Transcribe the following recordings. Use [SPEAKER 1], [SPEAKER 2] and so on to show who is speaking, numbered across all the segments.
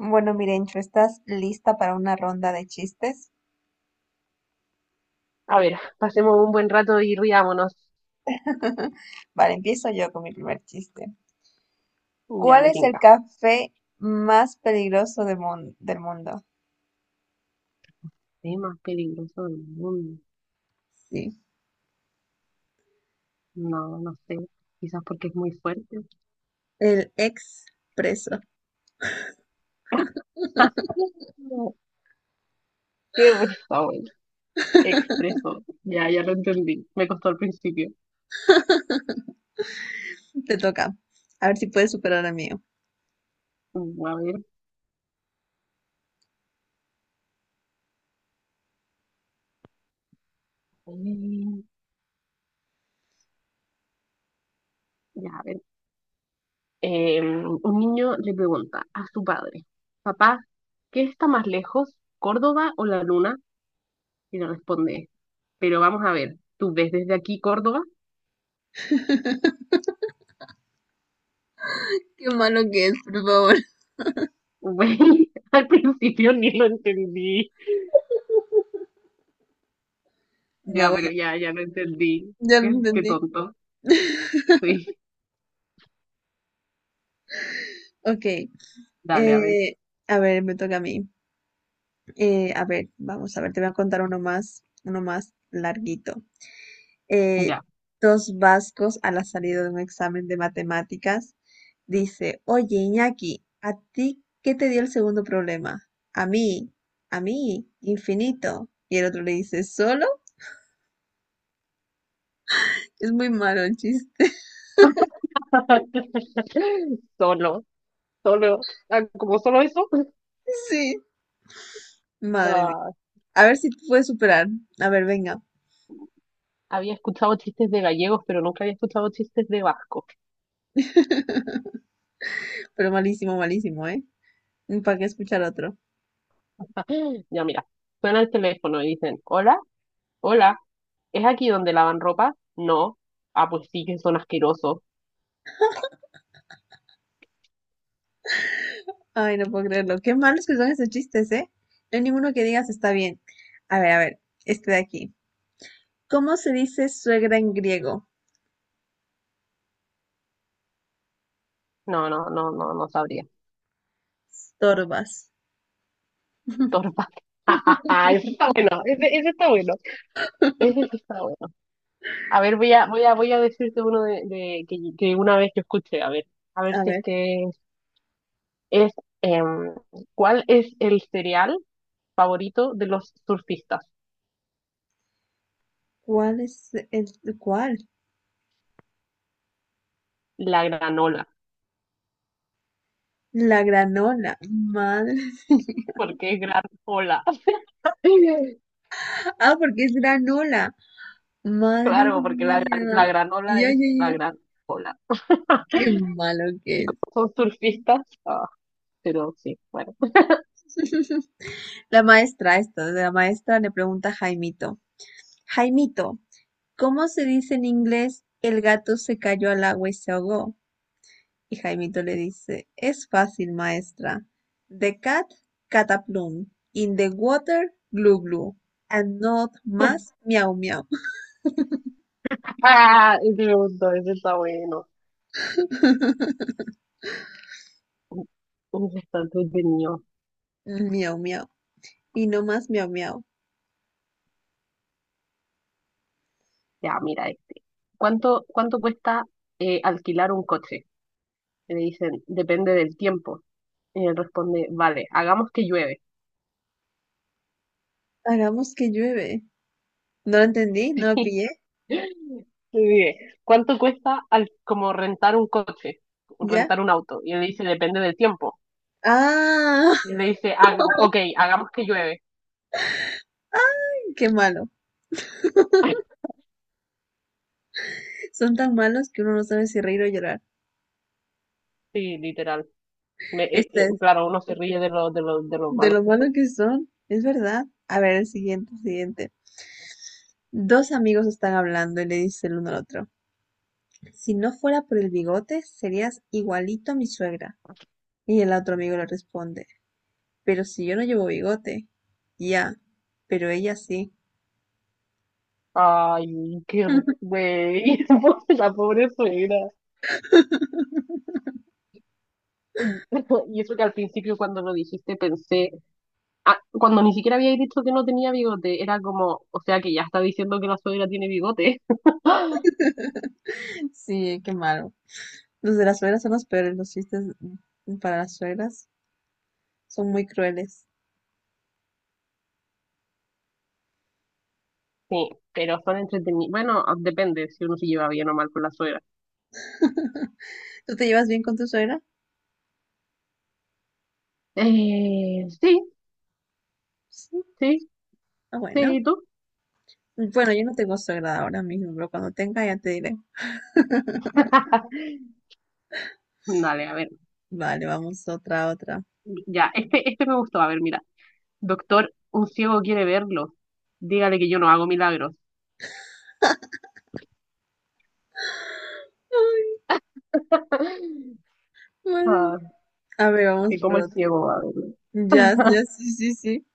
[SPEAKER 1] Bueno, Mirencho, ¿estás lista para una ronda de chistes?
[SPEAKER 2] A ver, pasemos un buen rato y riámonos.
[SPEAKER 1] Vale, empiezo yo con mi primer chiste.
[SPEAKER 2] Ya
[SPEAKER 1] ¿Cuál
[SPEAKER 2] me
[SPEAKER 1] es el
[SPEAKER 2] tinca.
[SPEAKER 1] café más peligroso de del mundo?
[SPEAKER 2] Es más peligroso del mundo.
[SPEAKER 1] Sí,
[SPEAKER 2] No, no sé. Quizás porque es muy fuerte.
[SPEAKER 1] el expreso.
[SPEAKER 2] Qué risa, bueno. Expreso. Ya, ya lo entendí. Me costó al principio.
[SPEAKER 1] Te toca. A ver si puedes superar al mío.
[SPEAKER 2] Mm, a ver. eh, Ya, a ver. Un niño le pregunta a su padre, papá, ¿qué está más lejos, Córdoba o la luna? Y le responde, pero vamos a ver, ¿tú ves desde aquí Córdoba?
[SPEAKER 1] Qué malo que es, por favor.
[SPEAKER 2] Güey, al principio ni lo entendí.
[SPEAKER 1] Venga,
[SPEAKER 2] Ya,
[SPEAKER 1] voy.
[SPEAKER 2] pero ya, ya lo entendí.
[SPEAKER 1] Ya lo
[SPEAKER 2] Qué
[SPEAKER 1] entendí.
[SPEAKER 2] tonto. Sí,
[SPEAKER 1] Ok.
[SPEAKER 2] dale, a ver.
[SPEAKER 1] eh, a ver, me toca a mí. A ver, vamos a ver, te voy a contar uno más larguito. eh,
[SPEAKER 2] Ya.
[SPEAKER 1] Dos vascos a la salida de un examen de matemáticas, dice, oye, Iñaki, ¿a ti qué te dio el segundo problema? A mí, infinito. Y el otro le dice, ¿solo? Es muy malo el chiste.
[SPEAKER 2] Solo, solo. Ah, como solo eso,
[SPEAKER 1] Sí, madre mía.
[SPEAKER 2] ya
[SPEAKER 1] A ver si te puedes superar. A ver, venga.
[SPEAKER 2] había escuchado chistes de gallegos, pero nunca había escuchado chistes de vascos.
[SPEAKER 1] Pero malísimo, malísimo, ¿eh? ¿Para qué escuchar otro?
[SPEAKER 2] Ya, mira, suena el teléfono y dicen, hola, hola, ¿es aquí donde lavan ropa? No. Ah, pues sí, que son asquerosos.
[SPEAKER 1] Ay, no puedo creerlo. Qué malos que son esos chistes, ¿eh? No hay ninguno que digas está bien. A ver, este de aquí. ¿Cómo se dice suegra en griego?
[SPEAKER 2] No, no, no, no, no sabría.
[SPEAKER 1] Storbas.
[SPEAKER 2] Torpa. Ese está bueno, ese está bueno. Ese sí está bueno. A ver, voy a decirte uno de, que una vez yo escuché, a ver
[SPEAKER 1] A
[SPEAKER 2] si es
[SPEAKER 1] ver,
[SPEAKER 2] que es, em, ¿cuál es el cereal favorito de los surfistas?
[SPEAKER 1] ¿cuál es el cuál?
[SPEAKER 2] La granola.
[SPEAKER 1] La granola. Madre.
[SPEAKER 2] ¿Por qué granola?
[SPEAKER 1] Ah, porque es granola. Madre
[SPEAKER 2] Claro, porque la, la
[SPEAKER 1] mía.
[SPEAKER 2] granola
[SPEAKER 1] Ya,
[SPEAKER 2] es
[SPEAKER 1] ya,
[SPEAKER 2] la
[SPEAKER 1] ya.
[SPEAKER 2] gran ola.
[SPEAKER 1] Qué malo que
[SPEAKER 2] Y
[SPEAKER 1] es.
[SPEAKER 2] como son surfistas, ah, pero sí, bueno.
[SPEAKER 1] La maestra, esto, la maestra le pregunta a Jaimito. Jaimito, ¿cómo se dice en inglés el gato se cayó al agua y se ahogó? Y Jaimito le dice, es fácil, maestra. The cat cataplum, in the water glu glu, and not más miau miau.
[SPEAKER 2] Ah, ese me gustó, ese está bueno. Ese está entretenido.
[SPEAKER 1] Miau miau, y no más miau miau.
[SPEAKER 2] Ya, mira este. ¿Cuánto cuesta alquilar un coche? Y le dicen, depende del tiempo. Y él responde, vale, hagamos que llueve.
[SPEAKER 1] Hagamos que llueve. No lo entendí, no lo pillé,
[SPEAKER 2] Le dice, ¿cuánto cuesta al, como rentar un coche?
[SPEAKER 1] ya.
[SPEAKER 2] Rentar un auto. Y él dice, depende del tiempo.
[SPEAKER 1] Ah,
[SPEAKER 2] Y le dice, "Ah, ok, hagamos que llueve."
[SPEAKER 1] qué malo. Son tan malos que uno no sabe si reír o llorar.
[SPEAKER 2] Sí, literal.
[SPEAKER 1] Este es
[SPEAKER 2] Claro, uno se ríe de lo
[SPEAKER 1] de
[SPEAKER 2] malos
[SPEAKER 1] lo
[SPEAKER 2] que son.
[SPEAKER 1] malos que son, es verdad. A ver, el siguiente, el siguiente. Dos amigos están hablando y le dice el uno al otro. Si no fuera por el bigote, serías igualito a mi suegra. Y el otro amigo le responde, pero si yo no llevo bigote. Ya, pero ella sí.
[SPEAKER 2] Ay, güey, la pobre suegra. Y eso que al principio cuando lo dijiste pensé, ah, cuando ni siquiera había dicho que no tenía bigote, era como, o sea que ya está diciendo que la suegra tiene bigote.
[SPEAKER 1] Sí, qué malo. Los de las suegras son los peores, los chistes para las suegras son muy crueles.
[SPEAKER 2] Sí, pero son entretenidos. Bueno, depende si uno se lleva bien o mal con la suegra.
[SPEAKER 1] ¿Tú te llevas bien con tu suegra?
[SPEAKER 2] Sí,
[SPEAKER 1] Sí.
[SPEAKER 2] sí,
[SPEAKER 1] Ah,
[SPEAKER 2] sí,
[SPEAKER 1] bueno.
[SPEAKER 2] ¿y tú?
[SPEAKER 1] Bueno, yo no tengo suegra ahora mismo, pero cuando tenga ya te diré.
[SPEAKER 2] Dale, a ver.
[SPEAKER 1] Vale, vamos otra, otra.
[SPEAKER 2] Ya, este me gustó. A ver, mira. Doctor, un ciego quiere verlo. Dígale que yo no hago milagros.
[SPEAKER 1] Ay, madre
[SPEAKER 2] Ah,
[SPEAKER 1] mía. A ver,
[SPEAKER 2] que
[SPEAKER 1] vamos por
[SPEAKER 2] como el
[SPEAKER 1] otra.
[SPEAKER 2] ciego va a verlo.
[SPEAKER 1] Ya, ya, sí, sí, sí.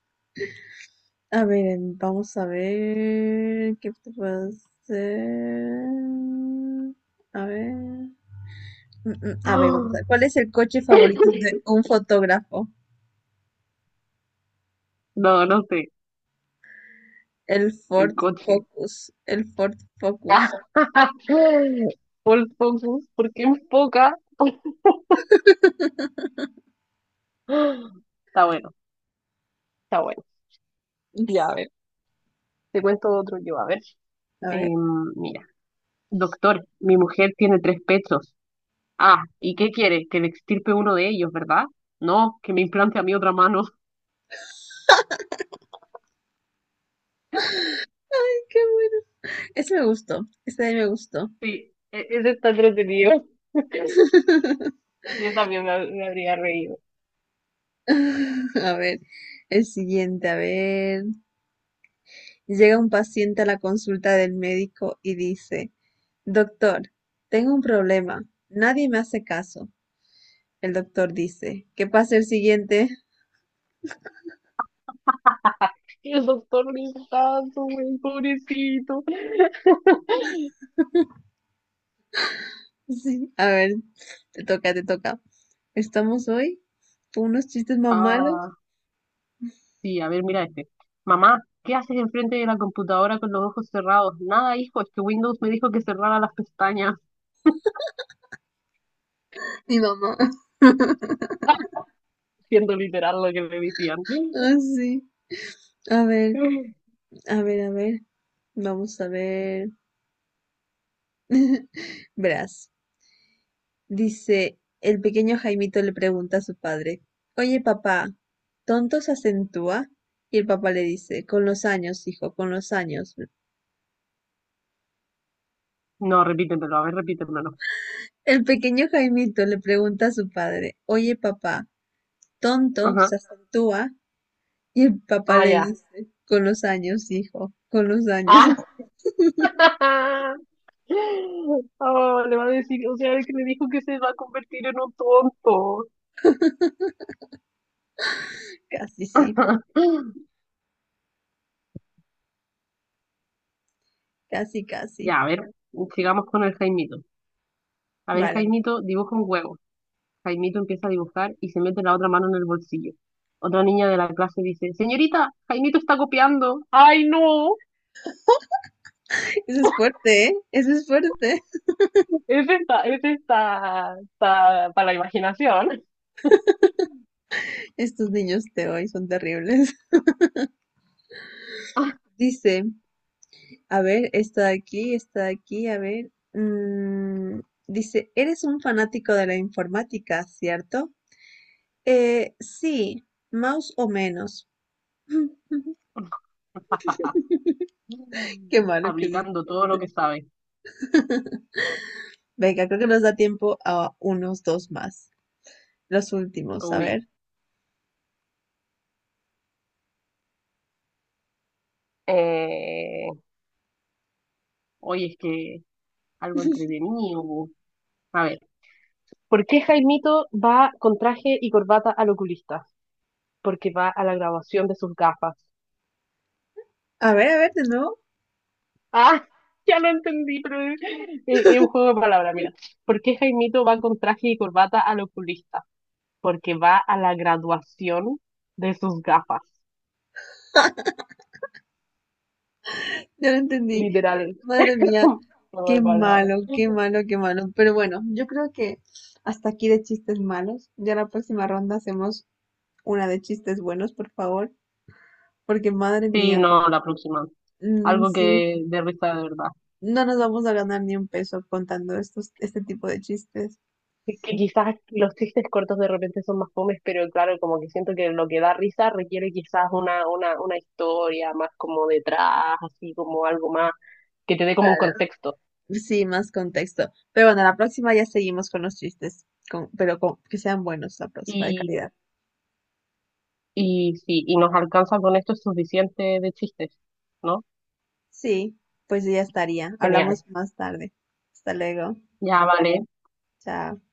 [SPEAKER 1] A ver, vamos a ver qué te puedo hacer. A ver. A ver, vamos a ver. ¿Cuál es el coche favorito de un fotógrafo?
[SPEAKER 2] No, no sé.
[SPEAKER 1] El
[SPEAKER 2] El
[SPEAKER 1] Ford
[SPEAKER 2] coche.
[SPEAKER 1] Focus. El Ford Focus.
[SPEAKER 2] Full focus, porque enfoca. Está bueno, está bueno. Ya, a
[SPEAKER 1] Es-
[SPEAKER 2] ver, te cuento otro yo. A ver,
[SPEAKER 1] A ver,
[SPEAKER 2] Mira, doctor, mi mujer tiene tres pechos. Ah, ¿y qué quiere? Que le extirpe uno de ellos, ¿verdad? No, que me implante a mi otra mano.
[SPEAKER 1] qué bueno. Ese me gustó. Ese de ahí me gustó.
[SPEAKER 2] Sí, ese está entretenido. Yo también me habría reído.
[SPEAKER 1] A ver, el siguiente, a ver. Llega un paciente a la consulta del médico y dice, doctor, tengo un problema. Nadie me hace caso. El doctor dice, ¿qué pasa el siguiente?
[SPEAKER 2] Y el doctor Listazo, güey, pobrecito.
[SPEAKER 1] Sí, a ver, te toca, te toca. Estamos hoy con unos chistes más malos.
[SPEAKER 2] Ah, sí, a ver, mira este. Mamá, ¿qué haces enfrente de la computadora con los ojos cerrados? Nada, hijo, es que Windows me dijo que cerrara las pestañas,
[SPEAKER 1] Mi mamá.
[SPEAKER 2] siendo literal lo que me decían.
[SPEAKER 1] Ah, sí. A ver, a ver, a ver. Vamos a ver. Verás. Dice, el pequeño Jaimito le pregunta a su padre, oye, papá, ¿tonto se acentúa? Y el papá le dice, con los años, hijo, con los años.
[SPEAKER 2] No, repítemelo, a ver, repítemelo.
[SPEAKER 1] El pequeño Jaimito le pregunta a su padre, oye, papá, ¿tonto
[SPEAKER 2] Ajá.
[SPEAKER 1] se acentúa? Y el papá
[SPEAKER 2] Ah,
[SPEAKER 1] le
[SPEAKER 2] ya.
[SPEAKER 1] dice, con los años, hijo, con los años.
[SPEAKER 2] Ah, oh, le va a decir, o sea, es que me dijo que se va a convertir en un tonto.
[SPEAKER 1] Casi sí, casi, casi.
[SPEAKER 2] Ya, a ver, sigamos con el Jaimito. A ver,
[SPEAKER 1] Vale.
[SPEAKER 2] Jaimito, dibuja un huevo. Jaimito empieza a dibujar y se mete la otra mano en el bolsillo. Otra niña de la clase dice, señorita, Jaimito está copiando. Ay, no,
[SPEAKER 1] Eso es fuerte, ¿eh? Eso es fuerte.
[SPEAKER 2] esta para la imaginación.
[SPEAKER 1] Estos niños de hoy son terribles. Dice, a ver, está aquí, a ver. Dice, eres un fanático de la informática, ¿cierto? Sí, más o menos. Qué malo que es.
[SPEAKER 2] Aplicando todo lo que sabe.
[SPEAKER 1] Venga, creo que nos da tiempo a unos dos más. Los últimos, a
[SPEAKER 2] Uy,
[SPEAKER 1] ver.
[SPEAKER 2] Eh, hoy es que algo entretenido. Bu. A ver, ¿por qué Jaimito va con traje y corbata al oculista? Porque va a la graduación de sus gafas.
[SPEAKER 1] A ver, a ver, de nuevo.
[SPEAKER 2] Ah, ya lo entendí, pero es un juego de palabras, mira. ¿Por qué Jaimito va con traje y corbata al oculista? Porque va a la graduación de sus gafas.
[SPEAKER 1] Ya lo entendí.
[SPEAKER 2] Literal,
[SPEAKER 1] Madre mía,
[SPEAKER 2] un juego
[SPEAKER 1] qué
[SPEAKER 2] de palabras.
[SPEAKER 1] malo, qué malo, qué malo. Pero bueno, yo creo que hasta aquí de chistes malos. Ya la próxima ronda hacemos una de chistes buenos, por favor. Porque madre
[SPEAKER 2] Sí,
[SPEAKER 1] mía,
[SPEAKER 2] no, la próxima.
[SPEAKER 1] mm,
[SPEAKER 2] Algo
[SPEAKER 1] sí,
[SPEAKER 2] que de risa de verdad.
[SPEAKER 1] no nos vamos a ganar ni un peso contando estos, este tipo de chistes.
[SPEAKER 2] Es que quizás los chistes cortos de repente son más fomes, pero claro, como que siento que lo que da risa requiere quizás una historia más como detrás, así como algo más que te dé como un
[SPEAKER 1] Claro.
[SPEAKER 2] contexto.
[SPEAKER 1] Sí, más contexto. Pero bueno, la próxima ya seguimos con los chistes, pero que sean buenos la próxima de
[SPEAKER 2] Y
[SPEAKER 1] calidad.
[SPEAKER 2] Y sí, y nos alcanza con esto suficiente de chistes, ¿no?
[SPEAKER 1] Sí, pues ya estaría.
[SPEAKER 2] Genial.
[SPEAKER 1] Hablamos más tarde. Hasta luego.
[SPEAKER 2] Ya vale.
[SPEAKER 1] Chao.